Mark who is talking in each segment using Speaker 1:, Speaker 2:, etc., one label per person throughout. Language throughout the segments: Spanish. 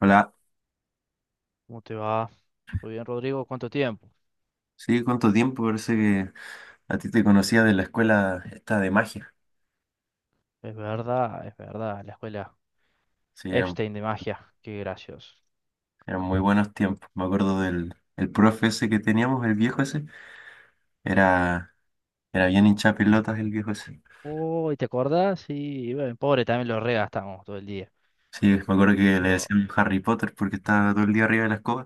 Speaker 1: Hola,
Speaker 2: ¿Cómo te va? Muy bien, Rodrigo. ¿Cuánto tiempo?
Speaker 1: sí, ¿cuánto tiempo? Parece que a ti te conocía de la escuela esta de magia.
Speaker 2: Es verdad, es verdad. La escuela
Speaker 1: Sí, eran,
Speaker 2: Epstein de magia. Qué gracioso.
Speaker 1: eran muy buenos tiempos. Me acuerdo del el profe ese que teníamos, el viejo ese. Era, era bien hincha pelotas el viejo ese.
Speaker 2: Uy, ¿te acordás? Sí, bueno, pobre, también lo regastamos todo el día.
Speaker 1: Sí, me acuerdo que le
Speaker 2: Oh.
Speaker 1: decían Harry Potter porque estaba todo el día arriba de la escoba.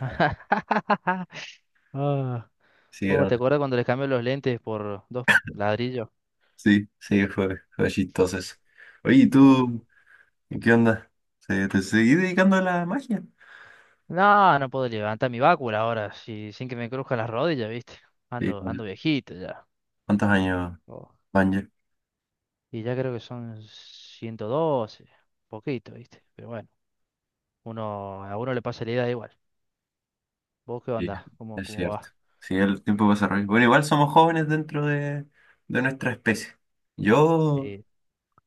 Speaker 2: Ah.
Speaker 1: Sí,
Speaker 2: Oh, ¿te acuerdas cuando les cambió los lentes por dos ladrillos?
Speaker 1: sí, sí, fue chistoso eso. Oye, ¿y
Speaker 2: Hiciste, oh.
Speaker 1: tú qué onda? ¿Te seguí dedicando a la magia?
Speaker 2: No, no puedo levantar mi bácula ahora, sin que me cruzcan las rodillas, ¿viste?
Speaker 1: Sí,
Speaker 2: Ando viejito ya.
Speaker 1: ¿cuántos años
Speaker 2: Oh.
Speaker 1: van ya?
Speaker 2: Y ya creo que son 112, poquito, ¿viste? Pero bueno. A uno le pasa la idea igual. ¿Vos qué
Speaker 1: Sí,
Speaker 2: onda? ¿Cómo,
Speaker 1: es
Speaker 2: cómo
Speaker 1: cierto.
Speaker 2: va?
Speaker 1: Sí, el tiempo pasa rápido. Bueno, igual somos jóvenes dentro de nuestra especie. Yo,
Speaker 2: Sí,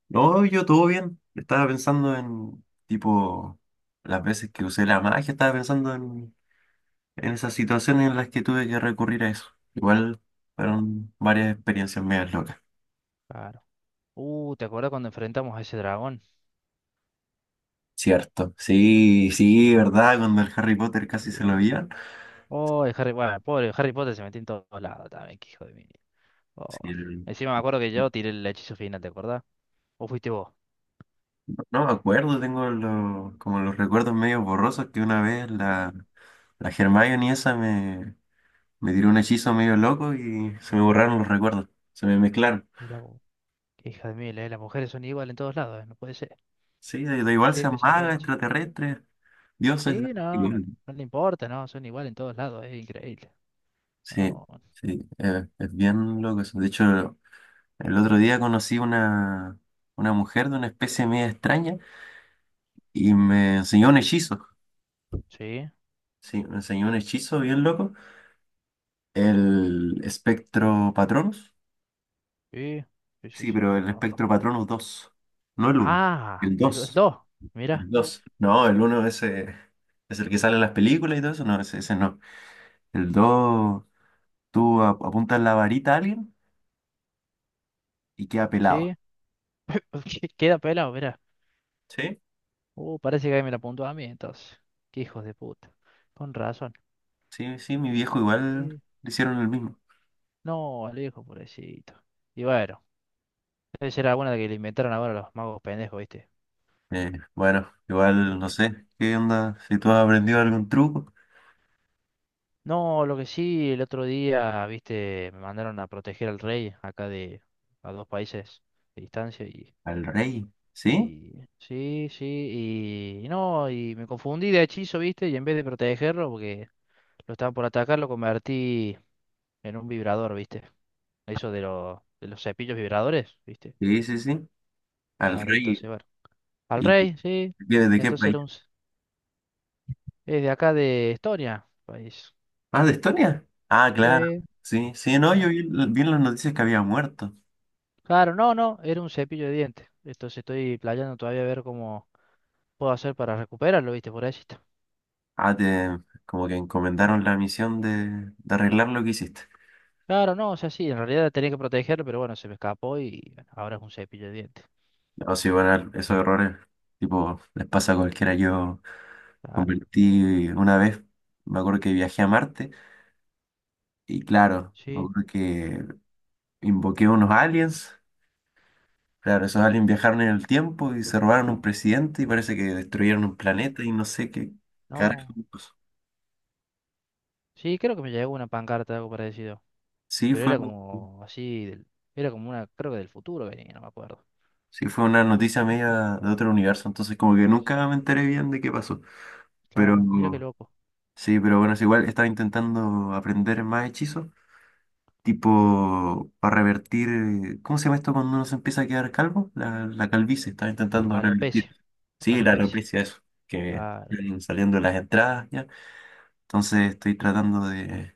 Speaker 1: no, yo todo bien. Estaba pensando en, tipo, las veces que usé la magia, estaba pensando en esas situaciones en las que tuve que recurrir a eso. Igual fueron varias experiencias medias locas.
Speaker 2: claro. ¿Te acuerdas cuando enfrentamos a ese dragón?
Speaker 1: Cierto. Sí, sí,
Speaker 2: Sí.
Speaker 1: ¿verdad? Cuando el Harry Potter casi se lo
Speaker 2: Sí.
Speaker 1: vieron.
Speaker 2: Oh, el Harry, bueno, pobre Harry Potter se metió en todos lados también, qué hijo de mí. Oh.
Speaker 1: Sí,
Speaker 2: Encima me acuerdo que yo tiré el hechizo final, ¿te acordás? ¿O fuiste vos?
Speaker 1: no me acuerdo, tengo como los recuerdos medio borrosos que una vez la Hermione esa me tiró un hechizo medio loco y se me borraron los recuerdos, se me mezclaron.
Speaker 2: Mira vos, qué hija de mil, las mujeres son iguales en todos lados, no puede ser.
Speaker 1: Sí, da igual
Speaker 2: Sí,
Speaker 1: sean
Speaker 2: pues
Speaker 1: magas,
Speaker 2: aprovecha.
Speaker 1: extraterrestres, dioses, da
Speaker 2: Sí, no, no,
Speaker 1: igual.
Speaker 2: no le importa, no, son iguales en todos lados, es increíble.
Speaker 1: Sí,
Speaker 2: No,
Speaker 1: sí, es bien loco eso. De hecho, el otro día conocí una mujer de una especie media extraña y me enseñó un hechizo.
Speaker 2: sí,
Speaker 1: Sí, me enseñó un hechizo bien loco, el espectro Patronus.
Speaker 2: sí, sí, sí,
Speaker 1: Sí,
Speaker 2: sí,
Speaker 1: pero
Speaker 2: lo
Speaker 1: el
Speaker 2: conozco.
Speaker 1: espectro patrono 2, no el uno,
Speaker 2: Ah,
Speaker 1: el
Speaker 2: el
Speaker 1: 2,
Speaker 2: 2. Mira,
Speaker 1: el 2. No, el uno ese es el que sale en las películas y todo eso, no, ese no. El 2, tú apuntas la varita a alguien y queda pelado.
Speaker 2: sí. Queda pelado, mira.
Speaker 1: Sí,
Speaker 2: Parece que ahí me la apuntó a mí entonces. Qué hijos de puta. Con razón.
Speaker 1: sí, sí, mi viejo igual
Speaker 2: Sí.
Speaker 1: le hicieron el mismo.
Speaker 2: No, Alejo, pobrecito. Y bueno, debe ser alguna que le inventaron ahora los magos pendejos, ¿viste?
Speaker 1: Bueno, igual
Speaker 2: Y
Speaker 1: no
Speaker 2: le-
Speaker 1: sé, ¿qué onda? Si tú has aprendido algún truco.
Speaker 2: No, lo que sí, el otro día, ¿viste? Me mandaron a proteger al rey acá de a dos países de distancia y.
Speaker 1: Al rey, ¿sí?
Speaker 2: Y sí, sí, y no, y me confundí de hechizo, ¿viste? Y en vez de protegerlo, porque lo estaba por atacar, lo convertí en un vibrador, ¿viste? Eso de, de los cepillos vibradores, ¿viste?
Speaker 1: Sí, sí, sí. Al
Speaker 2: Claro, entonces,
Speaker 1: rey.
Speaker 2: bueno. Al
Speaker 1: ¿Y de
Speaker 2: rey, sí.
Speaker 1: qué, de qué
Speaker 2: Entonces
Speaker 1: país?
Speaker 2: era un... c- Es de acá de Estonia, país.
Speaker 1: ¿Ah, de Estonia? Ah, claro.
Speaker 2: Sí.
Speaker 1: Sí, sí, no, yo
Speaker 2: ah,
Speaker 1: vi en las noticias que había muerto.
Speaker 2: Claro, no, no, era un cepillo de dientes. Entonces estoy playando todavía a ver cómo puedo hacer para recuperarlo, ¿viste? Por ahí sí está.
Speaker 1: Ah, como que encomendaron la misión de arreglar lo que hiciste.
Speaker 2: Claro, no, o sea, sí, en realidad tenía que protegerlo, pero bueno, se me escapó y bueno, ahora es un cepillo de dientes.
Speaker 1: No, sí, bueno, esos errores, tipo, les pasa a cualquiera. Yo
Speaker 2: Claro,
Speaker 1: convertí una vez, me acuerdo que viajé a Marte, y claro, me
Speaker 2: sí.
Speaker 1: acuerdo que invoqué unos aliens. Claro, esos aliens viajaron en el tiempo y se robaron un presidente y parece que destruyeron un
Speaker 2: Oh,
Speaker 1: planeta y no sé qué carajo.
Speaker 2: no.
Speaker 1: pasó.
Speaker 2: Sí, creo que me llegó una pancarta, algo parecido.
Speaker 1: Sí,
Speaker 2: Pero
Speaker 1: fue.
Speaker 2: era como así, era como una, creo que del futuro venía, no me acuerdo.
Speaker 1: Sí, fue una noticia
Speaker 2: Sí, sí, sí.
Speaker 1: media de otro universo, entonces como que nunca me
Speaker 2: Sí.
Speaker 1: enteré bien de qué pasó. Pero
Speaker 2: Claro, mira qué loco.
Speaker 1: sí, pero bueno, es igual estaba intentando aprender más hechizos, tipo para revertir, ¿cómo se llama esto cuando uno se empieza a quedar calvo? La calvicie, estaba intentando revertir.
Speaker 2: Alopecia,
Speaker 1: Sí, la
Speaker 2: alopecia.
Speaker 1: alopecia, eso, que
Speaker 2: Claro,
Speaker 1: vienen saliendo las entradas ya. Entonces estoy tratando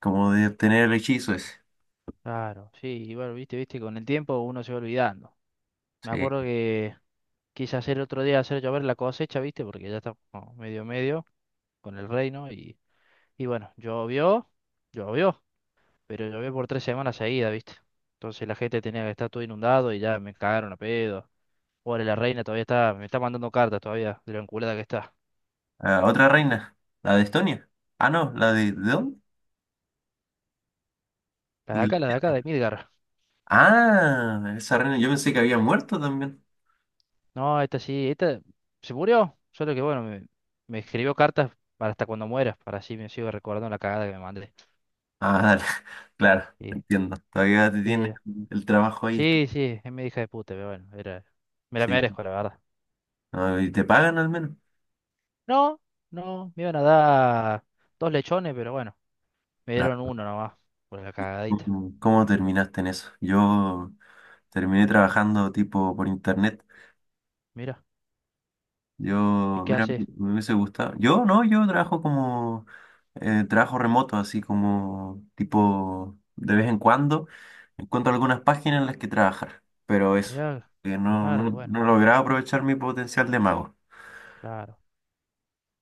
Speaker 1: como de obtener el hechizo ese.
Speaker 2: claro. Sí, igual, viste, viste, con el tiempo uno se va olvidando. Me
Speaker 1: Sí.
Speaker 2: acuerdo que quise hacer otro día, hacer llover la cosecha, viste, porque ya está como medio medio con el reino y bueno, llovió, llovió, pero llovió por 3 semanas seguidas, viste. Entonces la gente tenía que estar todo inundado y ya me cagaron a pedo. Pobre la reina, todavía está, me está mandando cartas todavía de lo enculada que está.
Speaker 1: Ah, otra reina, la de Estonia. Ah, no, la ¿de dónde?
Speaker 2: La de acá,
Speaker 1: Inglaterra.
Speaker 2: de Midgar.
Speaker 1: Ah, esa reina, yo pensé que había muerto también.
Speaker 2: No, esta sí, esta se murió. Solo que bueno, me escribió cartas para hasta cuando muera, para así me sigo recordando la cagada que me mandé.
Speaker 1: Ah, dale, claro,
Speaker 2: Sí,
Speaker 1: entiendo. Todavía te
Speaker 2: sí,
Speaker 1: tienes el trabajo ahí.
Speaker 2: sí, sí, es mi hija de puta, pero bueno, era, me la
Speaker 1: Sí,
Speaker 2: merezco, la verdad.
Speaker 1: ah, y te pagan al menos.
Speaker 2: No, no, me iban a dar dos lechones, pero bueno, me
Speaker 1: Ah,
Speaker 2: dieron uno nomás, por la cagadita.
Speaker 1: ¿Cómo terminaste en eso? Yo terminé trabajando tipo por internet.
Speaker 2: Mira, ¿y
Speaker 1: Yo,
Speaker 2: qué
Speaker 1: mira,
Speaker 2: haces?
Speaker 1: me hubiese gustado. Yo no, yo trabajo como trabajo remoto, así como tipo de vez en cuando encuentro algunas páginas en las que trabajar, pero eso,
Speaker 2: Mira,
Speaker 1: que no,
Speaker 2: claro,
Speaker 1: no,
Speaker 2: bueno,
Speaker 1: no he logrado aprovechar mi potencial de mago.
Speaker 2: claro.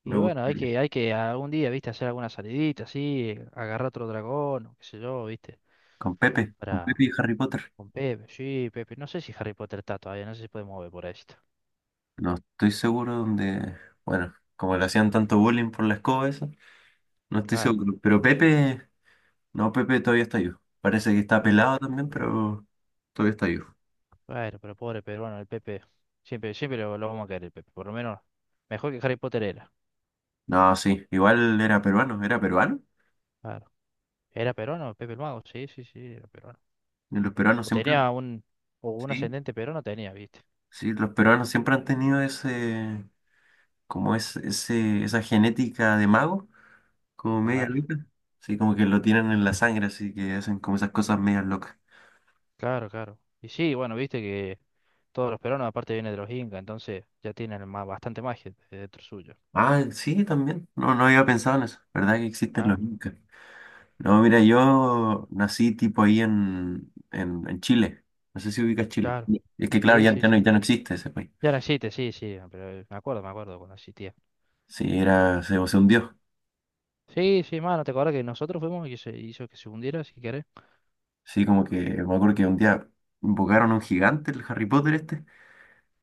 Speaker 1: Me
Speaker 2: Y bueno, hay
Speaker 1: gustaría.
Speaker 2: que, hay que algún día, viste, hacer alguna salidita así, agarrar otro dragón, o qué sé yo, viste,
Speaker 1: Con
Speaker 2: para
Speaker 1: Pepe y Harry Potter.
Speaker 2: con Pepe, sí, Pepe, no sé si Harry Potter está todavía, no sé si puede mover por ahí.
Speaker 1: No estoy seguro dónde, bueno, como le hacían tanto bullying por la escoba esa, no estoy
Speaker 2: Claro,
Speaker 1: seguro. Pero Pepe, no, Pepe todavía está yo. Parece que está
Speaker 2: Pepe,
Speaker 1: pelado también, pero todavía está yo.
Speaker 2: bueno, pero pobre peruano, el Pepe, siempre, siempre lo vamos a querer, el Pepe, por lo menos, mejor que Harry Potter era,
Speaker 1: No, sí, igual era peruano, era peruano.
Speaker 2: claro. ¿Era peruano, Pepe el Mago? Sí, sí, sí, era peruano.
Speaker 1: Y los peruanos
Speaker 2: O
Speaker 1: siempre han-
Speaker 2: tenía un, o un
Speaker 1: Sí,
Speaker 2: ascendente peruano tenía, viste.
Speaker 1: sí, los peruanos siempre han tenido ese, como es, ese, esa genética de mago, como media
Speaker 2: Claro,
Speaker 1: loca. Sí, como que lo tienen en la sangre, así que hacen como esas cosas medias locas.
Speaker 2: claro, claro. Y sí, bueno, viste que todos los peruanos aparte vienen de los incas, entonces ya tienen bastante magia dentro suyo.
Speaker 1: Ah, sí, también. No, no había pensado en eso. ¿Verdad que existen los
Speaker 2: Claro,
Speaker 1: incas? No, mira, yo nací tipo ahí en Chile. No sé si ubicas Chile.
Speaker 2: claro.
Speaker 1: Sí. Es que claro,
Speaker 2: Sí,
Speaker 1: ya,
Speaker 2: sí,
Speaker 1: ya no,
Speaker 2: sí.
Speaker 1: ya no existe ese país.
Speaker 2: Ya no existe, sí, sí, pero me acuerdo cuando existía.
Speaker 1: Sí, era, se hundió.
Speaker 2: Sí, sí, mano, te acuerdas que nosotros fuimos y se hizo que se hundiera, si querés.
Speaker 1: Sí, como que me acuerdo que un día invocaron a un gigante, el Harry Potter este,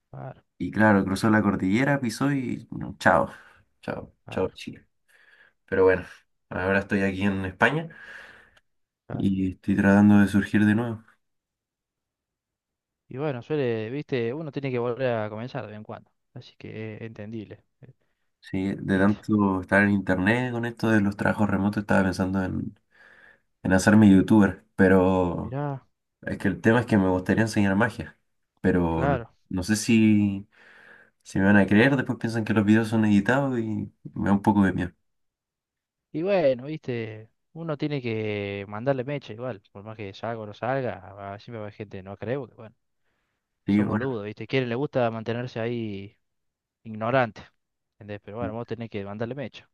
Speaker 2: Claro,
Speaker 1: y claro, cruzó la cordillera, pisó y no, chao, chao, chao
Speaker 2: claro,
Speaker 1: Chile. Pero bueno, ahora estoy aquí en España
Speaker 2: claro.
Speaker 1: y estoy tratando de surgir de nuevo.
Speaker 2: Y bueno, suele, viste, uno tiene que volver a comenzar de vez en cuando. Así que es entendible,
Speaker 1: Sí, de
Speaker 2: viste.
Speaker 1: tanto estar en internet con esto de los trabajos remotos, estaba pensando en hacerme youtuber, pero
Speaker 2: Mirá,
Speaker 1: es que el tema es que me gustaría enseñar magia, pero no,
Speaker 2: claro.
Speaker 1: no sé si me van a creer, después piensan que los videos son editados y me da un poco de miedo.
Speaker 2: Y bueno, viste, uno tiene que mandarle mecha igual, por más que salga o no salga, siempre va a haber gente que no creo,
Speaker 1: Sí,
Speaker 2: son
Speaker 1: bueno.
Speaker 2: boludos, ¿viste? Quieren, les gusta mantenerse ahí ignorantes, ¿entendés? Pero bueno, vos tenés que mandarle mecha.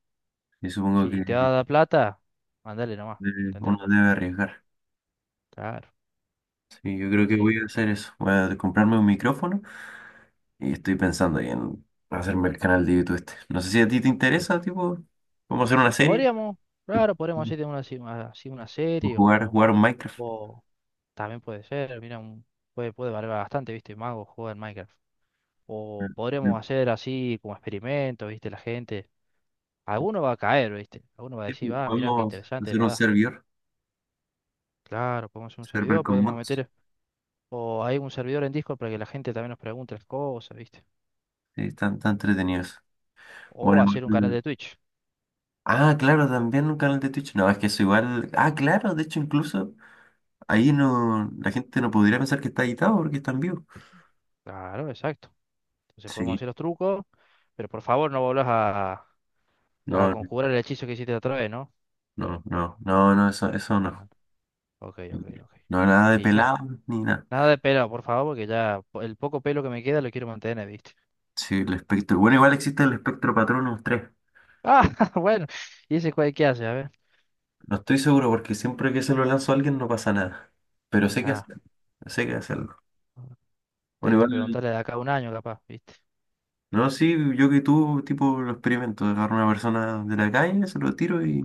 Speaker 1: Y supongo que
Speaker 2: Si te va a dar plata, mandale nomás, ¿entendés?
Speaker 1: uno debe arriesgar.
Speaker 2: Claro,
Speaker 1: Sí, yo creo
Speaker 2: uno
Speaker 1: que
Speaker 2: tiene
Speaker 1: voy
Speaker 2: que...
Speaker 1: a hacer eso. Voy a comprarme un micrófono y estoy pensando ahí en hacerme el canal de YouTube este. No sé si a ti te interesa, tipo, cómo hacer una
Speaker 2: Y
Speaker 1: serie
Speaker 2: podríamos, claro, podríamos hacer una, así una así una
Speaker 1: o
Speaker 2: serie
Speaker 1: jugar,
Speaker 2: o,
Speaker 1: jugar un Minecraft.
Speaker 2: o también puede ser, mira, puede valer bastante, ¿viste? Mago juega en Minecraft. O podríamos hacer así como experimentos, ¿viste? La gente... Alguno va a caer, ¿viste? Alguno va a
Speaker 1: Sí, pues,
Speaker 2: decir, ah, mirá, qué
Speaker 1: podemos
Speaker 2: interesante, es
Speaker 1: hacer un
Speaker 2: verdad.
Speaker 1: servidor,
Speaker 2: Claro, podemos hacer un
Speaker 1: server
Speaker 2: servidor,
Speaker 1: con
Speaker 2: podemos
Speaker 1: mods.
Speaker 2: meter. O hay un servidor en Discord para que la gente también nos pregunte las cosas, ¿viste?
Speaker 1: Sí, están tan entretenidos. Bueno,
Speaker 2: O hacer un canal
Speaker 1: igual-
Speaker 2: de Twitch.
Speaker 1: Ah, claro, también un canal de Twitch. No, es que eso igual. Ah, claro, de hecho, incluso ahí no, la gente no podría pensar que está editado porque está en vivo.
Speaker 2: Claro, exacto. Entonces podemos
Speaker 1: Sí.
Speaker 2: hacer los trucos, pero por favor no volvás a
Speaker 1: No,
Speaker 2: conjurar el hechizo que hiciste la otra vez, ¿no?
Speaker 1: no, no, no, no, eso
Speaker 2: Ah,
Speaker 1: no.
Speaker 2: no. Ok, ok, ok.
Speaker 1: No, nada de
Speaker 2: Y na-
Speaker 1: pelado ni nada.
Speaker 2: Nada de pelo, por favor, porque ya el poco pelo que me queda lo quiero mantener, ¿viste?
Speaker 1: Sí, el espectro. Bueno, igual existe el espectro Patronus tres.
Speaker 2: Ah, bueno. ¿Y ese cuál qué hace? A ver.
Speaker 1: No estoy seguro porque siempre que se lo lanzo a alguien no pasa nada. Pero sé que
Speaker 2: Ah,
Speaker 1: hacerlo. Sé que hacerlo. Bueno,
Speaker 2: tenés que
Speaker 1: igual,
Speaker 2: preguntarle de acá a un año, capaz, ¿viste?
Speaker 1: no, sí, yo que tú, tipo, lo experimento. Agarro a una persona de la calle, se lo tiro y,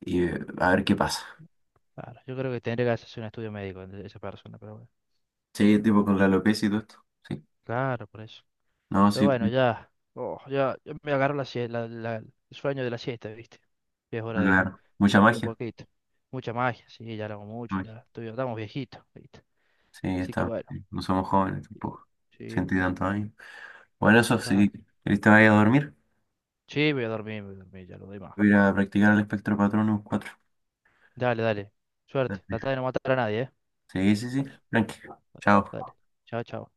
Speaker 1: a ver qué pasa.
Speaker 2: Claro, yo creo que tendría que hacerse un estudio médico de esa persona, pero bueno.
Speaker 1: Sí, tipo con la alopecia y todo esto. Sí.
Speaker 2: Claro, por eso.
Speaker 1: No,
Speaker 2: Pero
Speaker 1: sí,
Speaker 2: bueno, ya, oh, ya me agarro la, sie- la- la- el sueño de la siesta, ¿viste? Ya es hora de,
Speaker 1: claro.
Speaker 2: de
Speaker 1: Mucha
Speaker 2: dormir
Speaker 1: magia.
Speaker 2: poquito. Mucha magia, sí, ya lo hago
Speaker 1: Mucha
Speaker 2: mucho,
Speaker 1: magia.
Speaker 2: estamos viejitos, ¿viste?
Speaker 1: Sí,
Speaker 2: Así que
Speaker 1: está.
Speaker 2: bueno,
Speaker 1: No somos jóvenes
Speaker 2: sí,
Speaker 1: tampoco.
Speaker 2: sí,
Speaker 1: Ciento y
Speaker 2: sí,
Speaker 1: tantos años. Bueno, eso,
Speaker 2: claro.
Speaker 1: si querés te vaya a dormir,
Speaker 2: Sí, voy a dormir, ya lo doy más.
Speaker 1: voy a ir a practicar el espectro patrón cuatro.
Speaker 2: Dale, dale. Suerte, trata de no matar a nadie, ¿eh?
Speaker 1: Sí, sí, sí.
Speaker 2: Dale,
Speaker 1: Tranqui.
Speaker 2: dale,
Speaker 1: Chao.
Speaker 2: dale. Chao, chao.